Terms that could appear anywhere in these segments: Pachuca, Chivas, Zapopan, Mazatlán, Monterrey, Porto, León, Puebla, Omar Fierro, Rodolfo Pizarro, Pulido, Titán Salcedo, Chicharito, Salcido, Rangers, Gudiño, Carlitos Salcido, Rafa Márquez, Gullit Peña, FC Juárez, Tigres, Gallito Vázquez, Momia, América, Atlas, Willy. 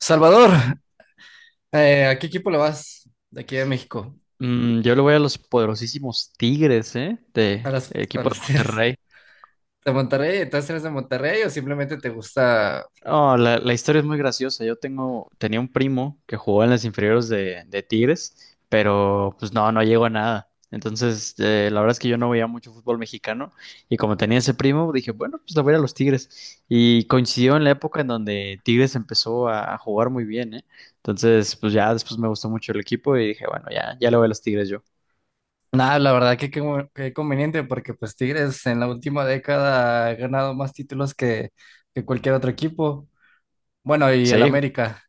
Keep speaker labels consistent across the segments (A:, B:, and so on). A: Salvador, ¿a qué equipo le vas de aquí de México?
B: Yo le voy a los poderosísimos Tigres, ¿eh?
A: ¿A
B: De
A: las, a
B: equipo de
A: las Tigres
B: Monterrey.
A: de Monterrey? ¿Entonces eres de Monterrey o simplemente te gusta?
B: Oh, la historia es muy graciosa. Tenía un primo que jugó en las inferiores de Tigres, pero pues no llegó a nada. Entonces, la verdad es que yo no veía mucho fútbol mexicano y como tenía ese primo, dije, bueno, pues le voy a ir a los Tigres. Y coincidió en la época en donde Tigres empezó a jugar muy bien, ¿eh? Entonces, pues ya después me gustó mucho el equipo y dije, bueno, ya, ya le voy a los Tigres yo.
A: Nada, la verdad que qué conveniente porque pues Tigres en la última década ha ganado más títulos que cualquier otro equipo. Bueno, y el
B: Sí,
A: América.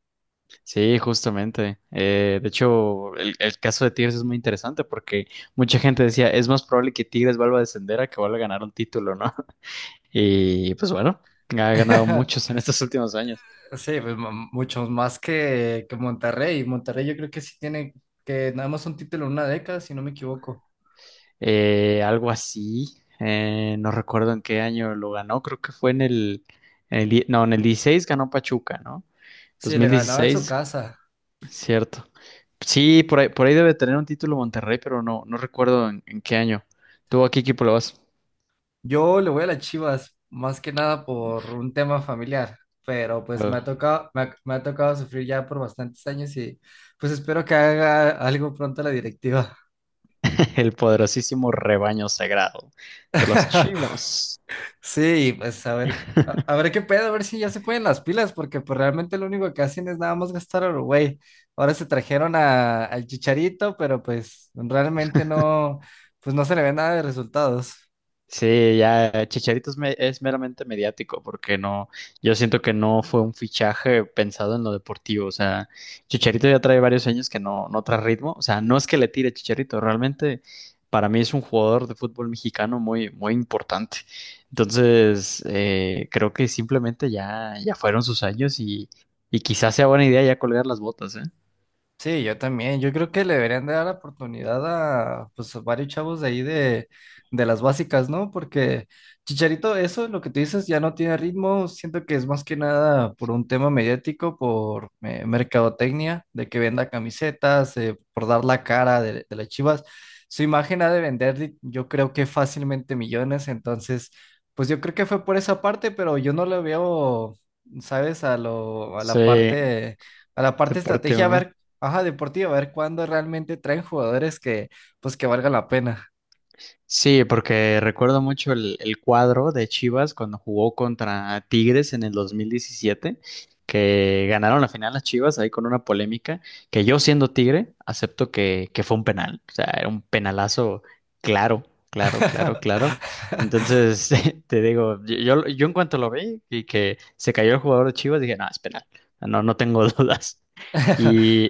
B: sí, justamente. De hecho, el caso de Tigres es muy interesante porque mucha gente decía, es más probable que Tigres vuelva a descender a que vuelva a ganar un título, ¿no? Y pues bueno, ha ganado muchos en estos últimos años.
A: Sí, pues muchos más que Monterrey. Monterrey yo creo que sí tiene que nada más un título en una década, si no me equivoco.
B: Algo así, no recuerdo en qué año lo ganó, creo que fue en no, en el 16 ganó Pachuca, ¿no? Dos
A: Sí, le
B: mil
A: ganaba en su
B: dieciséis,
A: casa.
B: cierto. Sí, por ahí debe tener un título Monterrey, pero no recuerdo en qué año. ¿Tú a qué equipo le vas?
A: Yo le voy a las Chivas, más que nada por un tema familiar, pero pues me ha tocado, me ha tocado sufrir ya por bastantes años y pues espero que haga algo pronto la directiva.
B: El poderosísimo rebaño sagrado de los chivos.
A: Sí, pues a ver, a ver qué pedo, a ver si ya se ponen las pilas, porque pues realmente lo único que hacen es nada más gastar a Uruguay. Ahora se trajeron al Chicharito, pero pues realmente no, pues no se le ve nada de resultados.
B: Sí, ya Chicharito es meramente mediático porque no, yo siento que no fue un fichaje pensado en lo deportivo, o sea, Chicharito ya trae varios años que no trae ritmo, o sea, no es que le tire Chicharito, realmente para mí es un jugador de fútbol mexicano muy, muy importante, entonces creo que simplemente ya, ya fueron sus años y quizás sea buena idea ya colgar las botas, ¿eh?
A: Sí, yo también. Yo creo que le deberían de dar la oportunidad a pues a varios chavos de de las básicas, ¿no? Porque Chicharito, eso lo que tú dices ya no tiene ritmo. Siento que es más que nada por un tema mediático, por mercadotecnia, de que venda camisetas, por dar la cara de las Chivas. Su imagen ha de vender, yo creo que fácilmente millones. Entonces, pues yo creo que fue por esa parte, pero yo no le veo, ¿sabes?
B: Sí.
A: A la parte
B: Deporte o
A: estrategia, a
B: no.
A: ver. Ajá, deportiva, a ver cuándo realmente traen jugadores que, pues, que valgan la pena.
B: Sí, porque recuerdo mucho el cuadro de Chivas cuando jugó contra Tigres en el 2017, que ganaron la final las Chivas ahí con una polémica, que yo siendo Tigre acepto que fue un penal, o sea, era un penalazo claro, claro, claro, claro. Entonces, te digo, yo en cuanto lo vi y que se cayó el jugador de Chivas, dije, no, es penal, no, no tengo dudas. Y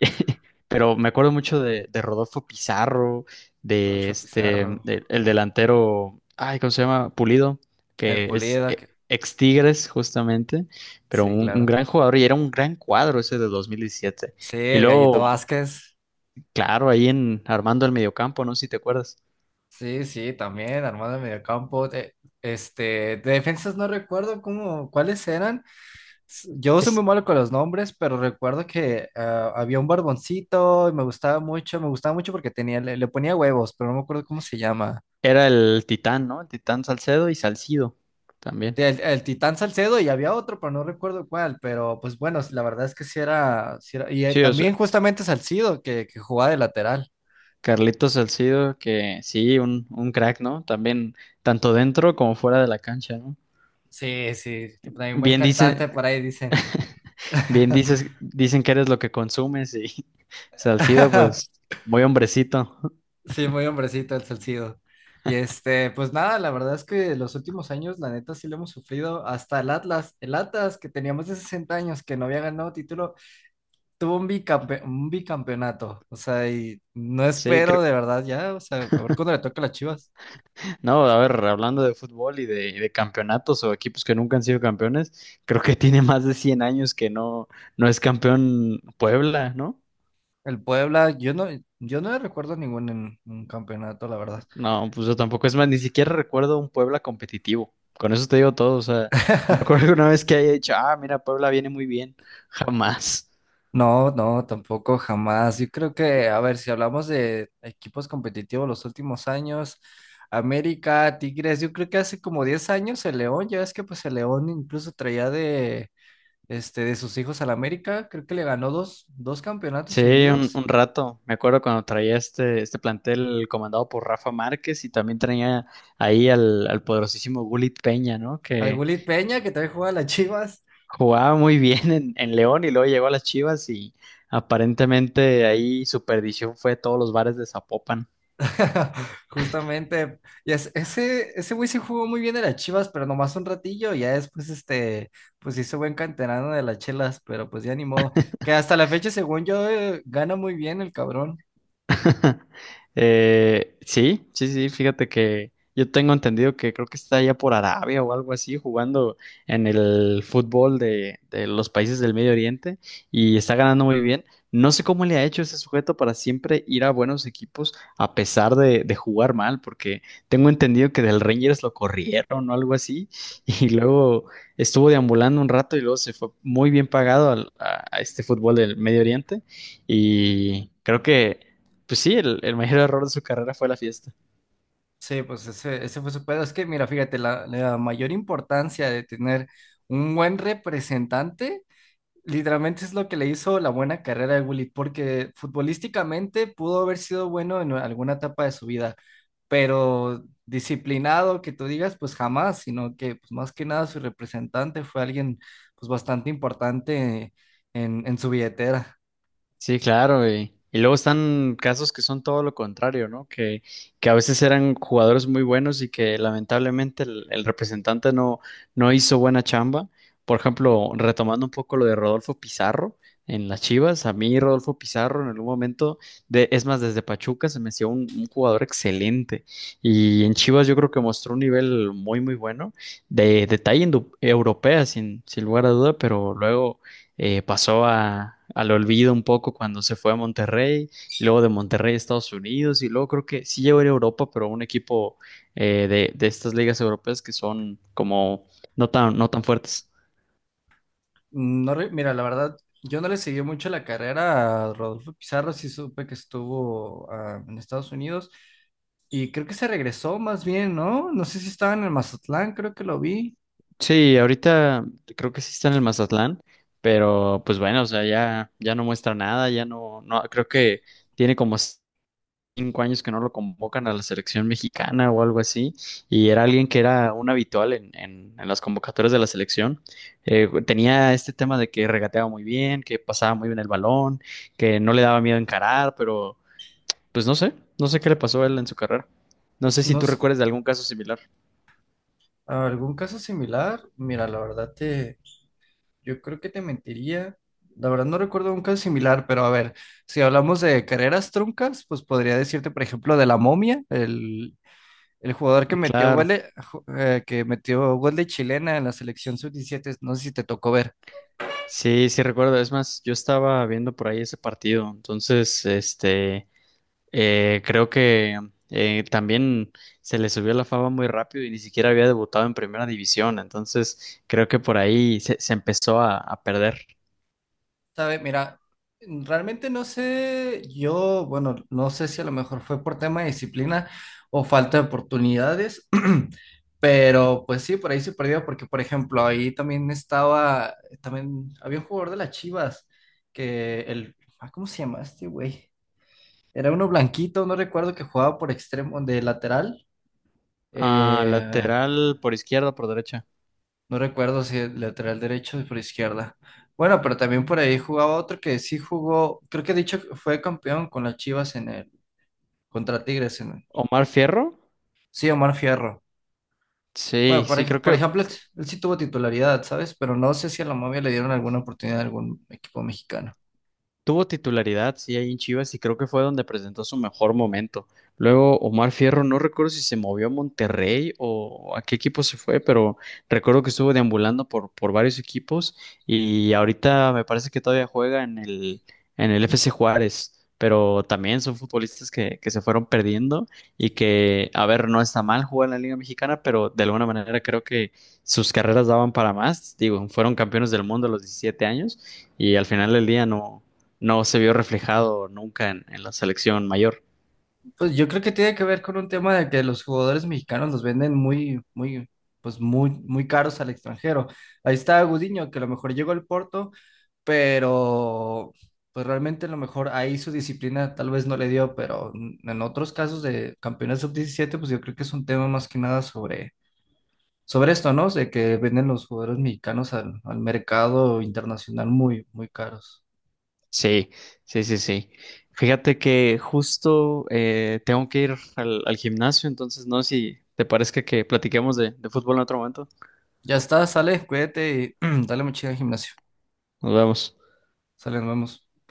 B: pero me acuerdo mucho de Rodolfo Pizarro,
A: Rodolfo Pizarro,
B: el delantero, ay, ¿cómo se llama? Pulido,
A: el
B: que es
A: Pulido,
B: ex Tigres justamente, pero
A: sí,
B: un
A: claro.
B: gran jugador y era un gran cuadro ese de 2017.
A: Sí,
B: Y
A: el Gallito
B: luego,
A: Vázquez.
B: claro, ahí en armando el mediocampo, no sé si te acuerdas.
A: Sí, sí, también, armado de mediocampo. Este, de defensas no recuerdo cuáles eran. Yo soy
B: Es,
A: muy malo con los nombres, pero recuerdo que ah, había un barboncito y me gustaba mucho porque tenía, le ponía huevos, pero no me acuerdo cómo se llama.
B: Era el Titán, ¿no? El Titán Salcedo y Salcido también.
A: Sí, el Titán Salcedo y había otro, pero no recuerdo cuál, pero pues bueno, la verdad es que sí era, y
B: Sí, o sea,
A: también justamente Salcido que jugaba de lateral.
B: Carlitos Salcido, que sí, un crack, ¿no? También, tanto dentro como fuera de la cancha, ¿no?
A: Sí, sí, que también buen
B: Bien dice.
A: cantante por ahí dicen.
B: Bien dices, dicen que eres lo que consumes y Salcido, pues muy hombrecito.
A: Sí, muy hombrecito el Salcido. Y este, pues nada, la verdad es que los últimos años, la neta, sí lo hemos sufrido. Hasta el Atlas que teníamos de 60 años, que no había ganado título, tuvo un un bicampeonato. O sea, y no
B: Sí,
A: espero
B: creo.
A: de verdad ya, o sea, a ver cuándo le toca a las Chivas.
B: No, a ver, hablando de fútbol y de campeonatos o equipos que nunca han sido campeones, creo que tiene más de 100 años que no, no es campeón Puebla, ¿no?
A: El Puebla, yo no, yo no recuerdo ningún en un campeonato, la verdad.
B: No, pues yo tampoco. Es más, ni siquiera recuerdo un Puebla competitivo. Con eso te digo todo. O sea, recuerdo una vez que haya dicho, ah, mira, Puebla viene muy bien. Jamás.
A: No, no, tampoco jamás. Yo creo que, a ver, si hablamos de equipos competitivos los últimos años, América, Tigres, yo creo que hace como 10 años el León, ya es que pues el León incluso traía de, este, de sus hijos al América, creo que le ganó dos campeonatos
B: Sí,
A: seguidos.
B: un rato. Me acuerdo cuando traía este plantel comandado por Rafa Márquez y también traía ahí al poderosísimo Gullit Peña, ¿no?
A: Al
B: Que
A: Gulit Peña, que también juega a las Chivas.
B: jugaba muy bien en León y luego llegó a las Chivas y aparentemente ahí su perdición fue todos los bares de Zapopan.
A: Justamente, y ese güey sí jugó muy bien en las Chivas, pero nomás un ratillo, ya después este, pues hizo buen canterano de las chelas, pero pues ya ni modo, que hasta la fecha según yo gana muy bien el cabrón,
B: Sí, sí, sí, fíjate que yo tengo entendido que creo que está allá por Arabia o algo así, jugando en el fútbol de los países del Medio Oriente y está ganando muy bien. No sé cómo le ha hecho ese sujeto para siempre ir a buenos equipos a pesar de jugar mal, porque tengo entendido que del Rangers lo corrieron o algo así, y luego estuvo deambulando un rato y luego se fue muy bien pagado a este fútbol del Medio Oriente. Y creo que pues sí, el mayor error de su carrera fue la fiesta.
A: sí, pues ese fue su pedo, es que mira, fíjate, la mayor importancia de tener un buen representante. Literalmente es lo que le hizo la buena carrera de Willy, porque futbolísticamente pudo haber sido bueno en alguna etapa de su vida, pero disciplinado que tú digas, pues jamás, sino que pues, más que nada su representante fue alguien pues bastante importante en su billetera.
B: Sí, claro, y luego están casos que son todo lo contrario, ¿no? Que a veces eran jugadores muy buenos y que lamentablemente el representante no, no hizo buena chamba. Por ejemplo, retomando un poco lo de Rodolfo Pizarro en las Chivas, a mí Rodolfo Pizarro en algún momento, es más, desde Pachuca se me hacía un jugador excelente y en Chivas yo creo que mostró un nivel muy, muy bueno, de talla europea sin, sin lugar a duda, pero luego pasó al olvido un poco cuando se fue a Monterrey, y luego de Monterrey a Estados Unidos, y luego creo que sí llegó a ir a Europa, pero a un equipo de estas ligas europeas que son como no tan, no tan fuertes.
A: No, re- mira, la verdad, yo no le seguí mucho la carrera a Rodolfo Pizarro, sí supe que estuvo ah, en Estados Unidos y creo que se regresó más bien, ¿no? No sé si estaba en el Mazatlán, creo que lo vi.
B: Sí, ahorita creo que sí está en el Mazatlán, pero pues bueno, o sea, ya, ya no muestra nada, ya no, no, creo que tiene como 5 años que no lo convocan a la selección mexicana o algo así, y era alguien que era un habitual en las convocatorias de la selección. Tenía este tema de que regateaba muy bien, que pasaba muy bien el balón, que no le daba miedo encarar, pero pues no sé, no sé qué le pasó a él en su carrera. No sé si
A: No,
B: tú
A: sé,
B: recuerdas de algún caso similar.
A: ¿algún caso similar? Mira, yo creo que te mentiría. La verdad no recuerdo un caso similar, pero a ver, si hablamos de carreras truncas, pues podría decirte, por ejemplo, de la Momia, el jugador que
B: Ah,
A: metió gol
B: claro.
A: que metió gol de chilena en la selección sub 17, no sé si te tocó ver.
B: Sí, sí recuerdo. Es más, yo estaba viendo por ahí ese partido. Entonces, creo que también se le subió la fama muy rápido y ni siquiera había debutado en primera división, entonces creo que por ahí se empezó a perder.
A: Sabes, mira, realmente no sé, yo, bueno, no sé si a lo mejor fue por tema de disciplina o falta de oportunidades, pero pues sí, por ahí se perdió, porque por ejemplo, ahí también estaba, también había un jugador de las Chivas, ah, ¿cómo se llama este güey? Era uno blanquito, no recuerdo que jugaba por extremo, de lateral.
B: Ah,
A: eh,
B: lateral por izquierda, o por derecha.
A: No recuerdo si el lateral derecho o por izquierda. Bueno, pero también por ahí jugaba otro que sí jugó, creo que he dicho que fue campeón con las Chivas contra Tigres en el.
B: Omar Fierro.
A: Sí, Omar Fierro.
B: Sí,
A: Bueno,
B: sí, creo
A: por
B: que
A: ejemplo, él sí tuvo titularidad, ¿sabes? Pero no sé si a la momia le dieron alguna oportunidad a algún equipo mexicano.
B: tuvo titularidad, sí, ahí en Chivas y creo que fue donde presentó su mejor momento. Luego Omar Fierro, no recuerdo si se movió a Monterrey o a qué equipo se fue, pero recuerdo que estuvo deambulando por varios equipos y ahorita me parece que todavía juega en en el FC Juárez, pero también son futbolistas que se fueron perdiendo y que, a ver, no está mal jugar en la Liga Mexicana, pero de alguna manera creo que sus carreras daban para más. Digo, fueron campeones del mundo a los 17 años y al final del día no se vio reflejado nunca en la selección mayor.
A: Pues yo creo que tiene que ver con un tema de que los jugadores mexicanos los venden pues muy, muy caros al extranjero. Ahí está Gudiño, que a lo mejor llegó al Porto, pero pues realmente a lo mejor ahí su disciplina tal vez no le dio, pero en otros casos de campeones sub 17 pues yo creo que es un tema más que nada sobre, sobre esto, ¿no? De que venden los jugadores mexicanos al mercado internacional muy, muy caros.
B: Sí, sí, sí, sí. Fíjate que justo tengo que ir al gimnasio, entonces no sé si te parezca que platiquemos de fútbol en otro momento.
A: Ya está, sale, cuídate y dale mucha al gimnasio.
B: Nos vemos.
A: Sale, nos vemos.